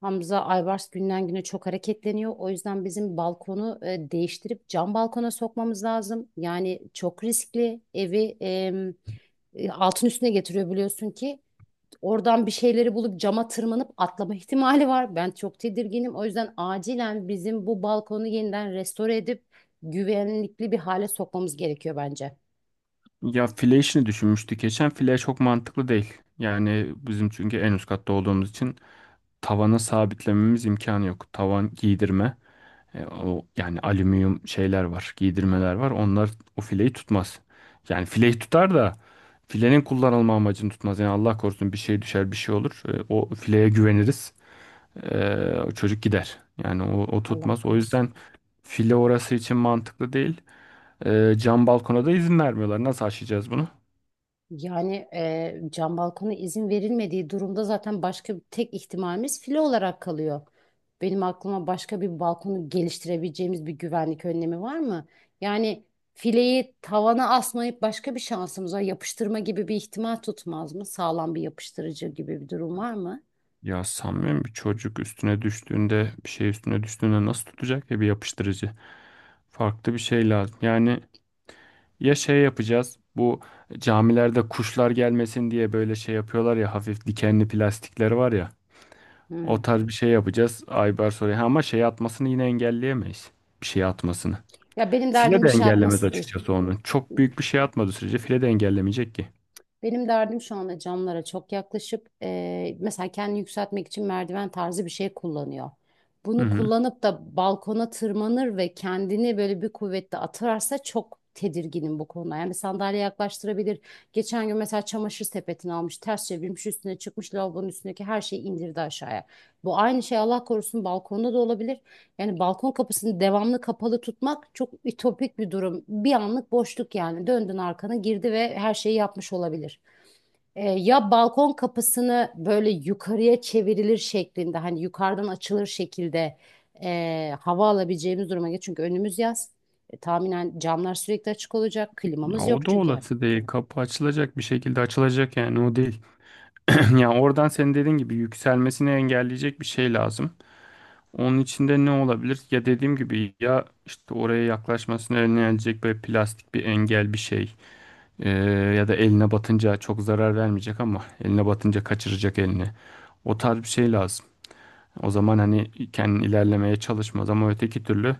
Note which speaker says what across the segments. Speaker 1: Hamza Aybars günden güne çok hareketleniyor. O yüzden bizim balkonu değiştirip cam balkona sokmamız lazım. Yani çok riskli. Evi altın üstüne getiriyor biliyorsun ki. Oradan bir şeyleri bulup cama tırmanıp atlama ihtimali var. Ben çok tedirginim. O yüzden acilen bizim bu balkonu yeniden restore edip güvenlikli bir hale sokmamız gerekiyor bence.
Speaker 2: Ya file işini düşünmüştük geçen. File çok mantıklı değil. Yani bizim çünkü en üst katta olduğumuz için tavana sabitlememiz imkanı yok. Tavan giydirme. O yani alüminyum şeyler var, giydirmeler var. Onlar o fileyi tutmaz. Yani fileyi tutar da filenin kullanılma amacını tutmaz. Yani Allah korusun bir şey düşer, bir şey olur. O fileye güveniriz. E, o çocuk gider. Yani o
Speaker 1: Allah
Speaker 2: tutmaz. O
Speaker 1: korusun.
Speaker 2: yüzden file orası için mantıklı değil. Cam balkona da izin vermiyorlar. Nasıl aşacağız bunu?
Speaker 1: Yani cam balkona izin verilmediği durumda zaten başka bir tek ihtimalimiz file olarak kalıyor. Benim aklıma başka bir balkonu geliştirebileceğimiz bir güvenlik önlemi var mı? Yani fileyi tavana asmayıp başka bir şansımız var. Yapıştırma gibi bir ihtimal tutmaz mı? Sağlam bir yapıştırıcı gibi bir durum var mı?
Speaker 2: Ya sanmıyorum, bir çocuk üstüne düştüğünde, bir şey üstüne düştüğünde nasıl tutacak ya bir yapıştırıcı. Farklı bir şey lazım. Yani ya şey yapacağız, bu camilerde kuşlar gelmesin diye böyle şey yapıyorlar ya, hafif dikenli plastikler var ya. O
Speaker 1: Hmm.
Speaker 2: tarz bir şey yapacağız. Aybar soruyor. Ha, ama şey atmasını yine engelleyemeyiz. Bir şey atmasını.
Speaker 1: Ya benim
Speaker 2: File
Speaker 1: derdim bir
Speaker 2: de
Speaker 1: şey
Speaker 2: engellemez
Speaker 1: atması değil.
Speaker 2: açıkçası onu. Çok büyük bir şey atmadığı sürece file de engellemeyecek ki.
Speaker 1: Benim derdim şu anda camlara çok yaklaşıp mesela kendini yükseltmek için merdiven tarzı bir şey kullanıyor.
Speaker 2: Hı
Speaker 1: Bunu
Speaker 2: hı.
Speaker 1: kullanıp da balkona tırmanır ve kendini böyle bir kuvvetle atarsa çok tedirginim bu konuda. Yani bir sandalye yaklaştırabilir. Geçen gün mesela çamaşır sepetini almış, ters çevirmiş, üstüne çıkmış lavabonun üstündeki her şeyi indirdi aşağıya. Bu aynı şey Allah korusun balkonda da olabilir. Yani balkon kapısını devamlı kapalı tutmak çok ütopik bir durum. Bir anlık boşluk yani. Döndün arkana girdi ve her şeyi yapmış olabilir. Ya balkon kapısını böyle yukarıya çevrilir şeklinde hani yukarıdan açılır şekilde hava alabileceğimiz duruma geç. Çünkü önümüz yaz. Tahminen camlar sürekli açık olacak.
Speaker 2: Ya
Speaker 1: Klimamız
Speaker 2: o
Speaker 1: yok
Speaker 2: da
Speaker 1: çünkü.
Speaker 2: olası değil. Kapı açılacak, bir şekilde açılacak yani, o değil. Yani oradan senin dediğin gibi yükselmesini engelleyecek bir şey lazım. Onun içinde ne olabilir? Ya dediğim gibi, ya işte oraya yaklaşmasını önleyecek böyle plastik bir engel, bir şey. Ee, Ya da eline batınca çok zarar vermeyecek ama eline batınca kaçıracak elini. O tarz bir şey lazım. O zaman hani kendin ilerlemeye çalışmaz ama öteki türlü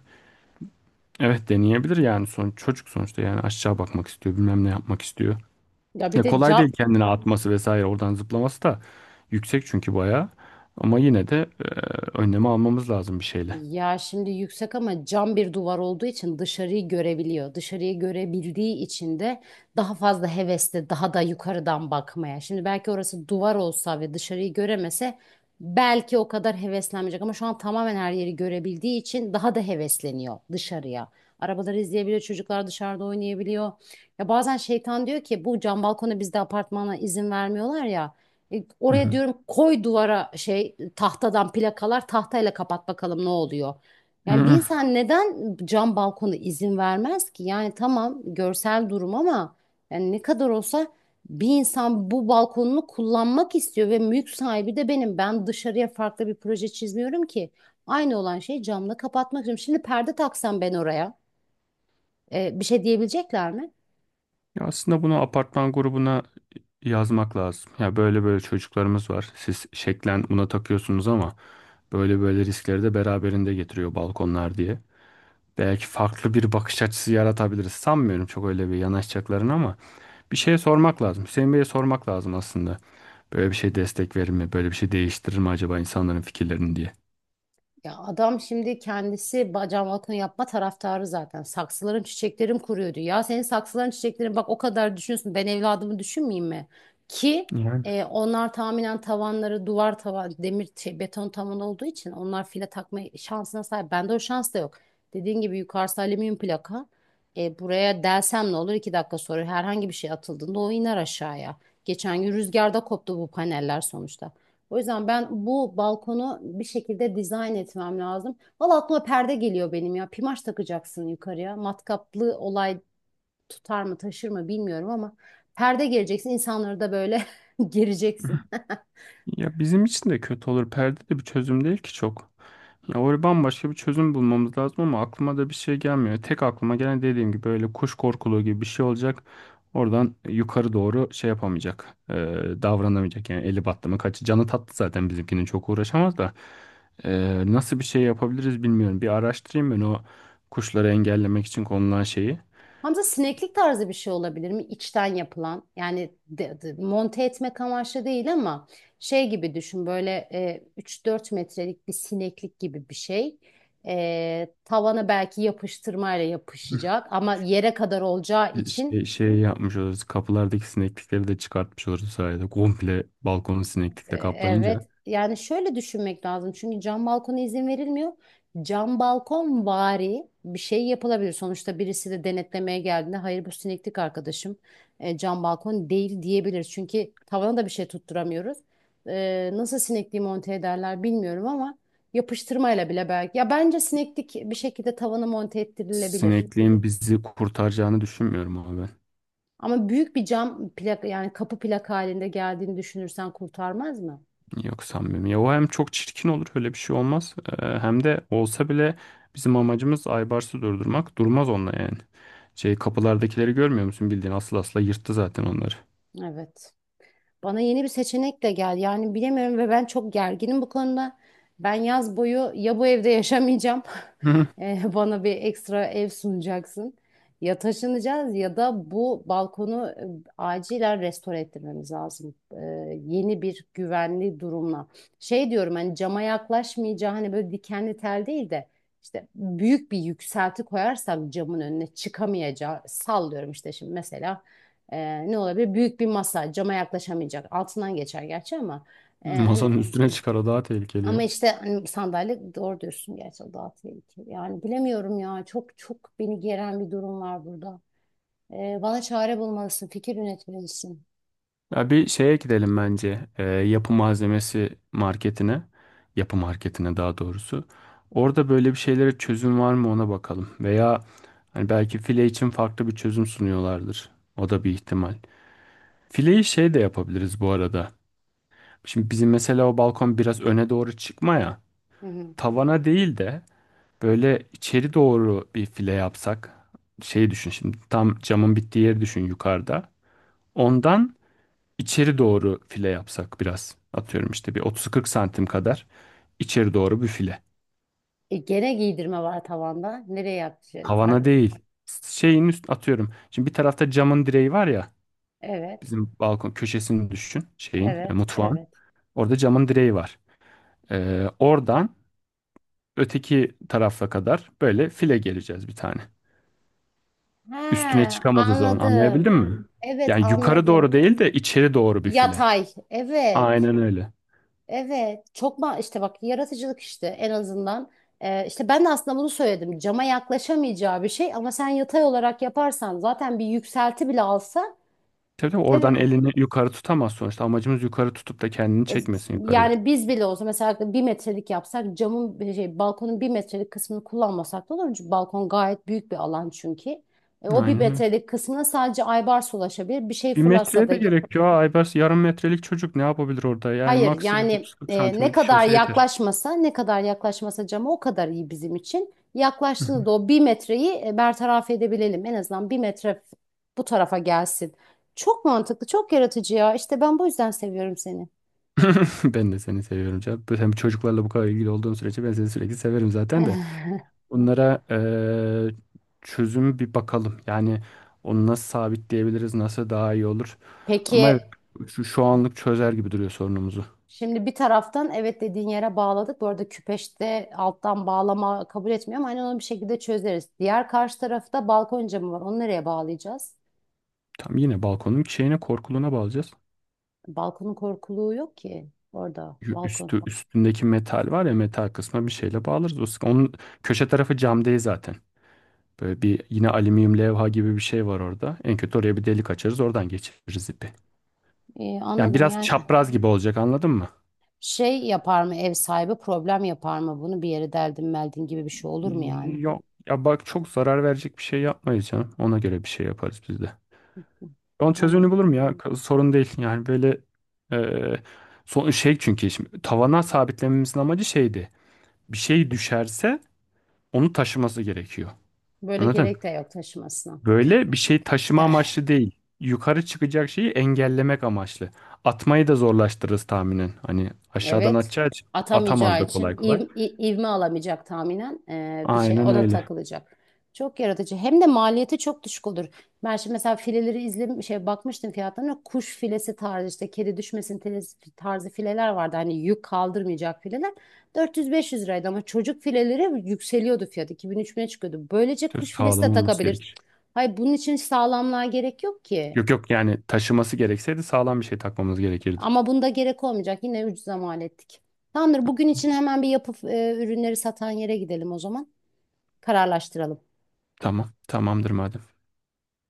Speaker 2: evet, deneyebilir yani, son çocuk sonuçta yani, aşağı bakmak istiyor, bilmem ne yapmak istiyor.
Speaker 1: Ya bir
Speaker 2: Ya
Speaker 1: de
Speaker 2: kolay
Speaker 1: ca-
Speaker 2: değil kendine atması vesaire, oradan zıplaması da yüksek çünkü bayağı. Ama yine de önlemi almamız lazım bir şeyle.
Speaker 1: Ya şimdi yüksek ama cam bir duvar olduğu için dışarıyı görebiliyor. Dışarıyı görebildiği için de daha fazla hevesli, daha da yukarıdan bakmaya. Şimdi belki orası duvar olsa ve dışarıyı göremese belki o kadar heveslenmeyecek ama şu an tamamen her yeri görebildiği için daha da hevesleniyor dışarıya. Arabaları izleyebiliyor, çocuklar dışarıda oynayabiliyor. Ya bazen şeytan diyor ki bu cam balkona bizde apartmana izin vermiyorlar ya. E,
Speaker 2: Hı
Speaker 1: Oraya
Speaker 2: hı.
Speaker 1: diyorum, koy duvara şey, tahtadan plakalar, tahtayla kapat bakalım ne oluyor.
Speaker 2: Hı
Speaker 1: Yani bir
Speaker 2: hı.
Speaker 1: insan neden cam balkona izin vermez ki? Yani tamam, görsel durum ama yani ne kadar olsa bir insan bu balkonunu kullanmak istiyor ve mülk sahibi de benim. Ben dışarıya farklı bir proje çizmiyorum ki. Aynı olan şeyi camla kapatmak istiyorum. Şimdi perde taksam ben oraya, bir şey diyebilecekler mi?
Speaker 2: Ya aslında bunu apartman grubuna yazmak lazım. Ya böyle böyle çocuklarımız var. Siz şeklen buna takıyorsunuz ama böyle böyle riskleri de beraberinde getiriyor balkonlar diye. Belki farklı bir bakış açısı yaratabiliriz. Sanmıyorum çok öyle bir yanaşacaklarını ama bir şeye sormak lazım. Hüseyin Bey'e sormak lazım aslında. Böyle bir şey destek verir mi? Böyle bir şey değiştirir mi acaba insanların fikirlerini diye.
Speaker 1: Ya adam şimdi kendisi cam balkon yapma taraftarı zaten. Saksıların çiçeklerim kuruyordu. Ya senin saksıların çiçeklerin, bak o kadar düşünüyorsun. Ben evladımı düşünmeyeyim mi? Ki
Speaker 2: Yani
Speaker 1: onlar tahminen tavanları duvar, tavan demir şey, beton tavan olduğu için onlar file takma şansına sahip. Bende o şans da yok. Dediğin gibi yukarısı alüminyum plaka. Buraya delsem ne olur? 2 dakika sonra herhangi bir şey atıldığında o iner aşağıya. Geçen gün rüzgarda koptu bu paneller sonuçta. O yüzden ben bu balkonu bir şekilde dizayn etmem lazım. Valla aklıma perde geliyor benim ya. Pimaş takacaksın yukarıya. Matkaplı olay tutar mı taşır mı bilmiyorum ama perde geleceksin. İnsanları da böyle gireceksin.
Speaker 2: ya bizim için de kötü olur. Perde de bir çözüm değil ki çok. Ya oraya bambaşka bir çözüm bulmamız lazım ama aklıma da bir şey gelmiyor. Tek aklıma gelen, dediğim gibi, böyle kuş korkuluğu gibi bir şey olacak. Oradan yukarı doğru şey yapamayacak, davranamayacak yani, eli battı mı kaçı. Canı tatlı zaten bizimkinin, çok uğraşamaz da. Nasıl bir şey yapabiliriz bilmiyorum. Bir araştırayım ben o kuşları engellemek için konulan şeyi.
Speaker 1: Hamza, sineklik tarzı bir şey olabilir mi? İçten yapılan. Yani monte etmek amaçlı değil ama şey gibi düşün, böyle 3-4 metrelik bir sineklik gibi bir şey. Tavana belki yapıştırmayla yapışacak ama yere kadar olacağı için
Speaker 2: Şey, şey yapmış oluruz. Kapılardaki sineklikleri de çıkartmış oluruz bu sayede. Komple balkonu sineklikle kaplayınca.
Speaker 1: Evet. Yani şöyle düşünmek lazım. Çünkü cam balkona izin verilmiyor. Cam balkon vari bir şey yapılabilir. Sonuçta birisi de denetlemeye geldiğinde, hayır bu sineklik arkadaşım, cam balkon değil diyebilir. Çünkü tavana da bir şey tutturamıyoruz. Nasıl sinekliği monte ederler bilmiyorum ama yapıştırmayla bile belki. Ya bence sineklik bir şekilde tavana monte ettirilebilir.
Speaker 2: Sinekliğin bizi kurtaracağını düşünmüyorum ama ben.
Speaker 1: Ama büyük bir cam plak, yani kapı plak halinde geldiğini düşünürsen kurtarmaz mı?
Speaker 2: Yok, sanmıyorum. Ya o hem çok çirkin olur, öyle bir şey olmaz. Hem de olsa bile bizim amacımız Aybars'ı durdurmak. Durmaz onunla yani. Şey, kapılardakileri görmüyor musun? Bildiğin asıl asla yırttı zaten onları.
Speaker 1: Evet. Bana yeni bir seçenekle gel. Yani bilemiyorum ve ben çok gerginim bu konuda. Ben yaz boyu ya bu evde yaşamayacağım.
Speaker 2: Hı hı.
Speaker 1: Bana bir ekstra ev sunacaksın. Ya taşınacağız ya da bu balkonu acilen restore ettirmemiz lazım. Yeni bir güvenli durumla. Şey diyorum, hani cama yaklaşmayacağı, hani böyle dikenli tel değil de işte büyük bir yükselti koyarsak camın önüne çıkamayacağı, sallıyorum işte şimdi mesela ne olabilir? Büyük bir masa, cama yaklaşamayacak. Altından geçer gerçi ama hani,
Speaker 2: Masanın üstüne çıkar, o daha tehlikeli
Speaker 1: ama
Speaker 2: ya.
Speaker 1: işte hani sandalye, doğru diyorsun gerçi o daha tehlikeli. Yani bilemiyorum ya, çok çok beni geren bir durum var burada. Bana çare bulmalısın, fikir üretmelisin.
Speaker 2: Ya bir şeye gidelim bence. Yapı malzemesi marketine. Yapı marketine daha doğrusu. Orada böyle bir şeylere çözüm var mı, ona bakalım. Veya hani belki file için farklı bir çözüm sunuyorlardır. O da bir ihtimal. Fileyi şey de yapabiliriz bu arada. Şimdi bizim mesela o balkon biraz öne doğru çıkma ya.
Speaker 1: Hı hı.
Speaker 2: Tavana değil de böyle içeri doğru bir file yapsak. Şey düşün şimdi, tam camın bittiği yeri düşün yukarıda. Ondan İçeri doğru file yapsak biraz. Atıyorum işte bir 30-40 santim kadar içeri doğru bir file.
Speaker 1: Gene giydirme var tavanda. Nereye yapacağız?
Speaker 2: Tavana
Speaker 1: Pardon.
Speaker 2: değil. Şeyin üst, atıyorum, şimdi bir tarafta camın direği var ya.
Speaker 1: Evet,
Speaker 2: Bizim balkon köşesini düşün. Şeyin
Speaker 1: evet,
Speaker 2: mutfağın.
Speaker 1: evet.
Speaker 2: Orada camın direği var. Oradan öteki tarafa kadar böyle file geleceğiz bir tane.
Speaker 1: He,
Speaker 2: Üstüne çıkamaz o zaman,
Speaker 1: anladım.
Speaker 2: anlayabildin mi?
Speaker 1: Evet,
Speaker 2: Yani yukarı
Speaker 1: anladım.
Speaker 2: doğru değil de içeri doğru bir file.
Speaker 1: Yatay. Evet.
Speaker 2: Aynen öyle.
Speaker 1: Evet, çok ma işte bak, yaratıcılık işte en azından. İşte ben de aslında bunu söyledim. Cama yaklaşamayacağı bir şey ama sen yatay olarak yaparsan zaten bir yükselti bile alsa
Speaker 2: Tabii tabii, oradan
Speaker 1: evet,
Speaker 2: elini yukarı tutamaz sonuçta. Amacımız yukarı tutup da kendini
Speaker 1: E,
Speaker 2: çekmesin yukarıya.
Speaker 1: yani biz bile olsa mesela 1 metrelik yapsak, camın bir şey, balkonun 1 metrelik kısmını kullanmasak da olur. Çünkü balkon gayet büyük bir alan çünkü. O bir
Speaker 2: Aynen öyle.
Speaker 1: metrelik kısmına sadece Aybars ulaşabilir. Bir şey
Speaker 2: Bir
Speaker 1: fırlatsa
Speaker 2: metreye
Speaker 1: da
Speaker 2: de gerek yok. Aybars yarım metrelik çocuk, ne yapabilir orada? Yani
Speaker 1: hayır,
Speaker 2: maksimum
Speaker 1: yani
Speaker 2: 30-40
Speaker 1: ne
Speaker 2: santimlik bir şey
Speaker 1: kadar
Speaker 2: olsa yeter.
Speaker 1: yaklaşmasa, ne kadar yaklaşmasa cama, o kadar iyi bizim için.
Speaker 2: Hı
Speaker 1: Yaklaştığında
Speaker 2: hı.
Speaker 1: da o 1 metreyi bertaraf edebilelim. En azından 1 metre bu tarafa gelsin. Çok mantıklı, çok yaratıcı ya. İşte ben bu yüzden seviyorum seni.
Speaker 2: Ben de seni seviyorum canım. Hem çocuklarla bu kadar ilgili olduğum sürece ben seni sürekli severim zaten de. Bunlara çözüm bir bakalım. Yani onu nasıl sabitleyebiliriz, nasıl daha iyi olur. Ama evet,
Speaker 1: Peki
Speaker 2: şu anlık çözer gibi duruyor sorunumuzu.
Speaker 1: şimdi bir taraftan evet, dediğin yere bağladık. Bu arada küpeşte alttan bağlama kabul etmiyor ama hani onu bir şekilde çözeriz. Diğer karşı tarafta balkon camı var. Onu nereye bağlayacağız?
Speaker 2: Tam yine balkonun şeyine, korkuluğuna bağlayacağız.
Speaker 1: Balkonun korkuluğu yok ki orada balkon.
Speaker 2: Üstündeki metal var ya, metal kısmına bir şeyle bağlarız. Onun köşe tarafı cam değil zaten. Böyle bir yine alüminyum levha gibi bir şey var orada. En kötü oraya bir delik açarız, oradan geçiririz ipi. Yani
Speaker 1: Anladım,
Speaker 2: biraz
Speaker 1: yani
Speaker 2: çapraz gibi olacak, anladın mı?
Speaker 1: şey yapar mı ev sahibi, problem yapar mı bunu, bir yere deldin meldin gibi bir şey olur mu yani?
Speaker 2: Yok. Ya bak, çok zarar verecek bir şey yapmayız canım. Ona göre bir şey yaparız biz de. Onun
Speaker 1: Anladım.
Speaker 2: çözümünü bulurum ya. Sorun değil. Yani böyle e, son şey, çünkü şimdi tavana sabitlememizin amacı şeydi. Bir şey düşerse onu taşıması gerekiyor.
Speaker 1: Böyle
Speaker 2: Anladın?
Speaker 1: gerek de yok taşımasına.
Speaker 2: Böyle bir şey taşıma amaçlı değil. Yukarı çıkacak şeyi engellemek amaçlı. Atmayı da zorlaştırırız tahminen. Hani aşağıdan
Speaker 1: Evet.
Speaker 2: atacağı için atamaz
Speaker 1: Atamayacağı
Speaker 2: da
Speaker 1: için,
Speaker 2: kolay kolay.
Speaker 1: ivme alamayacak tahminen, bir şey
Speaker 2: Aynen
Speaker 1: ona
Speaker 2: öyle.
Speaker 1: takılacak. Çok yaratıcı. Hem de maliyeti çok düşük olur. Ben şimdi mesela fileleri izlemiş şey, bakmıştım fiyatlarına. Kuş filesi tarzı işte, kedi düşmesin tarzı fileler vardı. Hani yük kaldırmayacak fileler. 400-500 liraydı ama çocuk fileleri yükseliyordu fiyat. 2.000-3.000'e çıkıyordu. Böylece
Speaker 2: Söz,
Speaker 1: kuş filesi de
Speaker 2: sağlam olması
Speaker 1: takabilir.
Speaker 2: gerekir.
Speaker 1: Hayır, bunun için sağlamlığa gerek yok ki.
Speaker 2: Yok yok, yani taşıması gerekseydi sağlam bir şey takmamız gerekirdi.
Speaker 1: Ama bunda gerek olmayacak. Yine ucuza mal ettik. Tamamdır. Bugün için hemen bir yapıp ürünleri satan yere gidelim o zaman. Kararlaştıralım.
Speaker 2: Tamam. Tamamdır madem.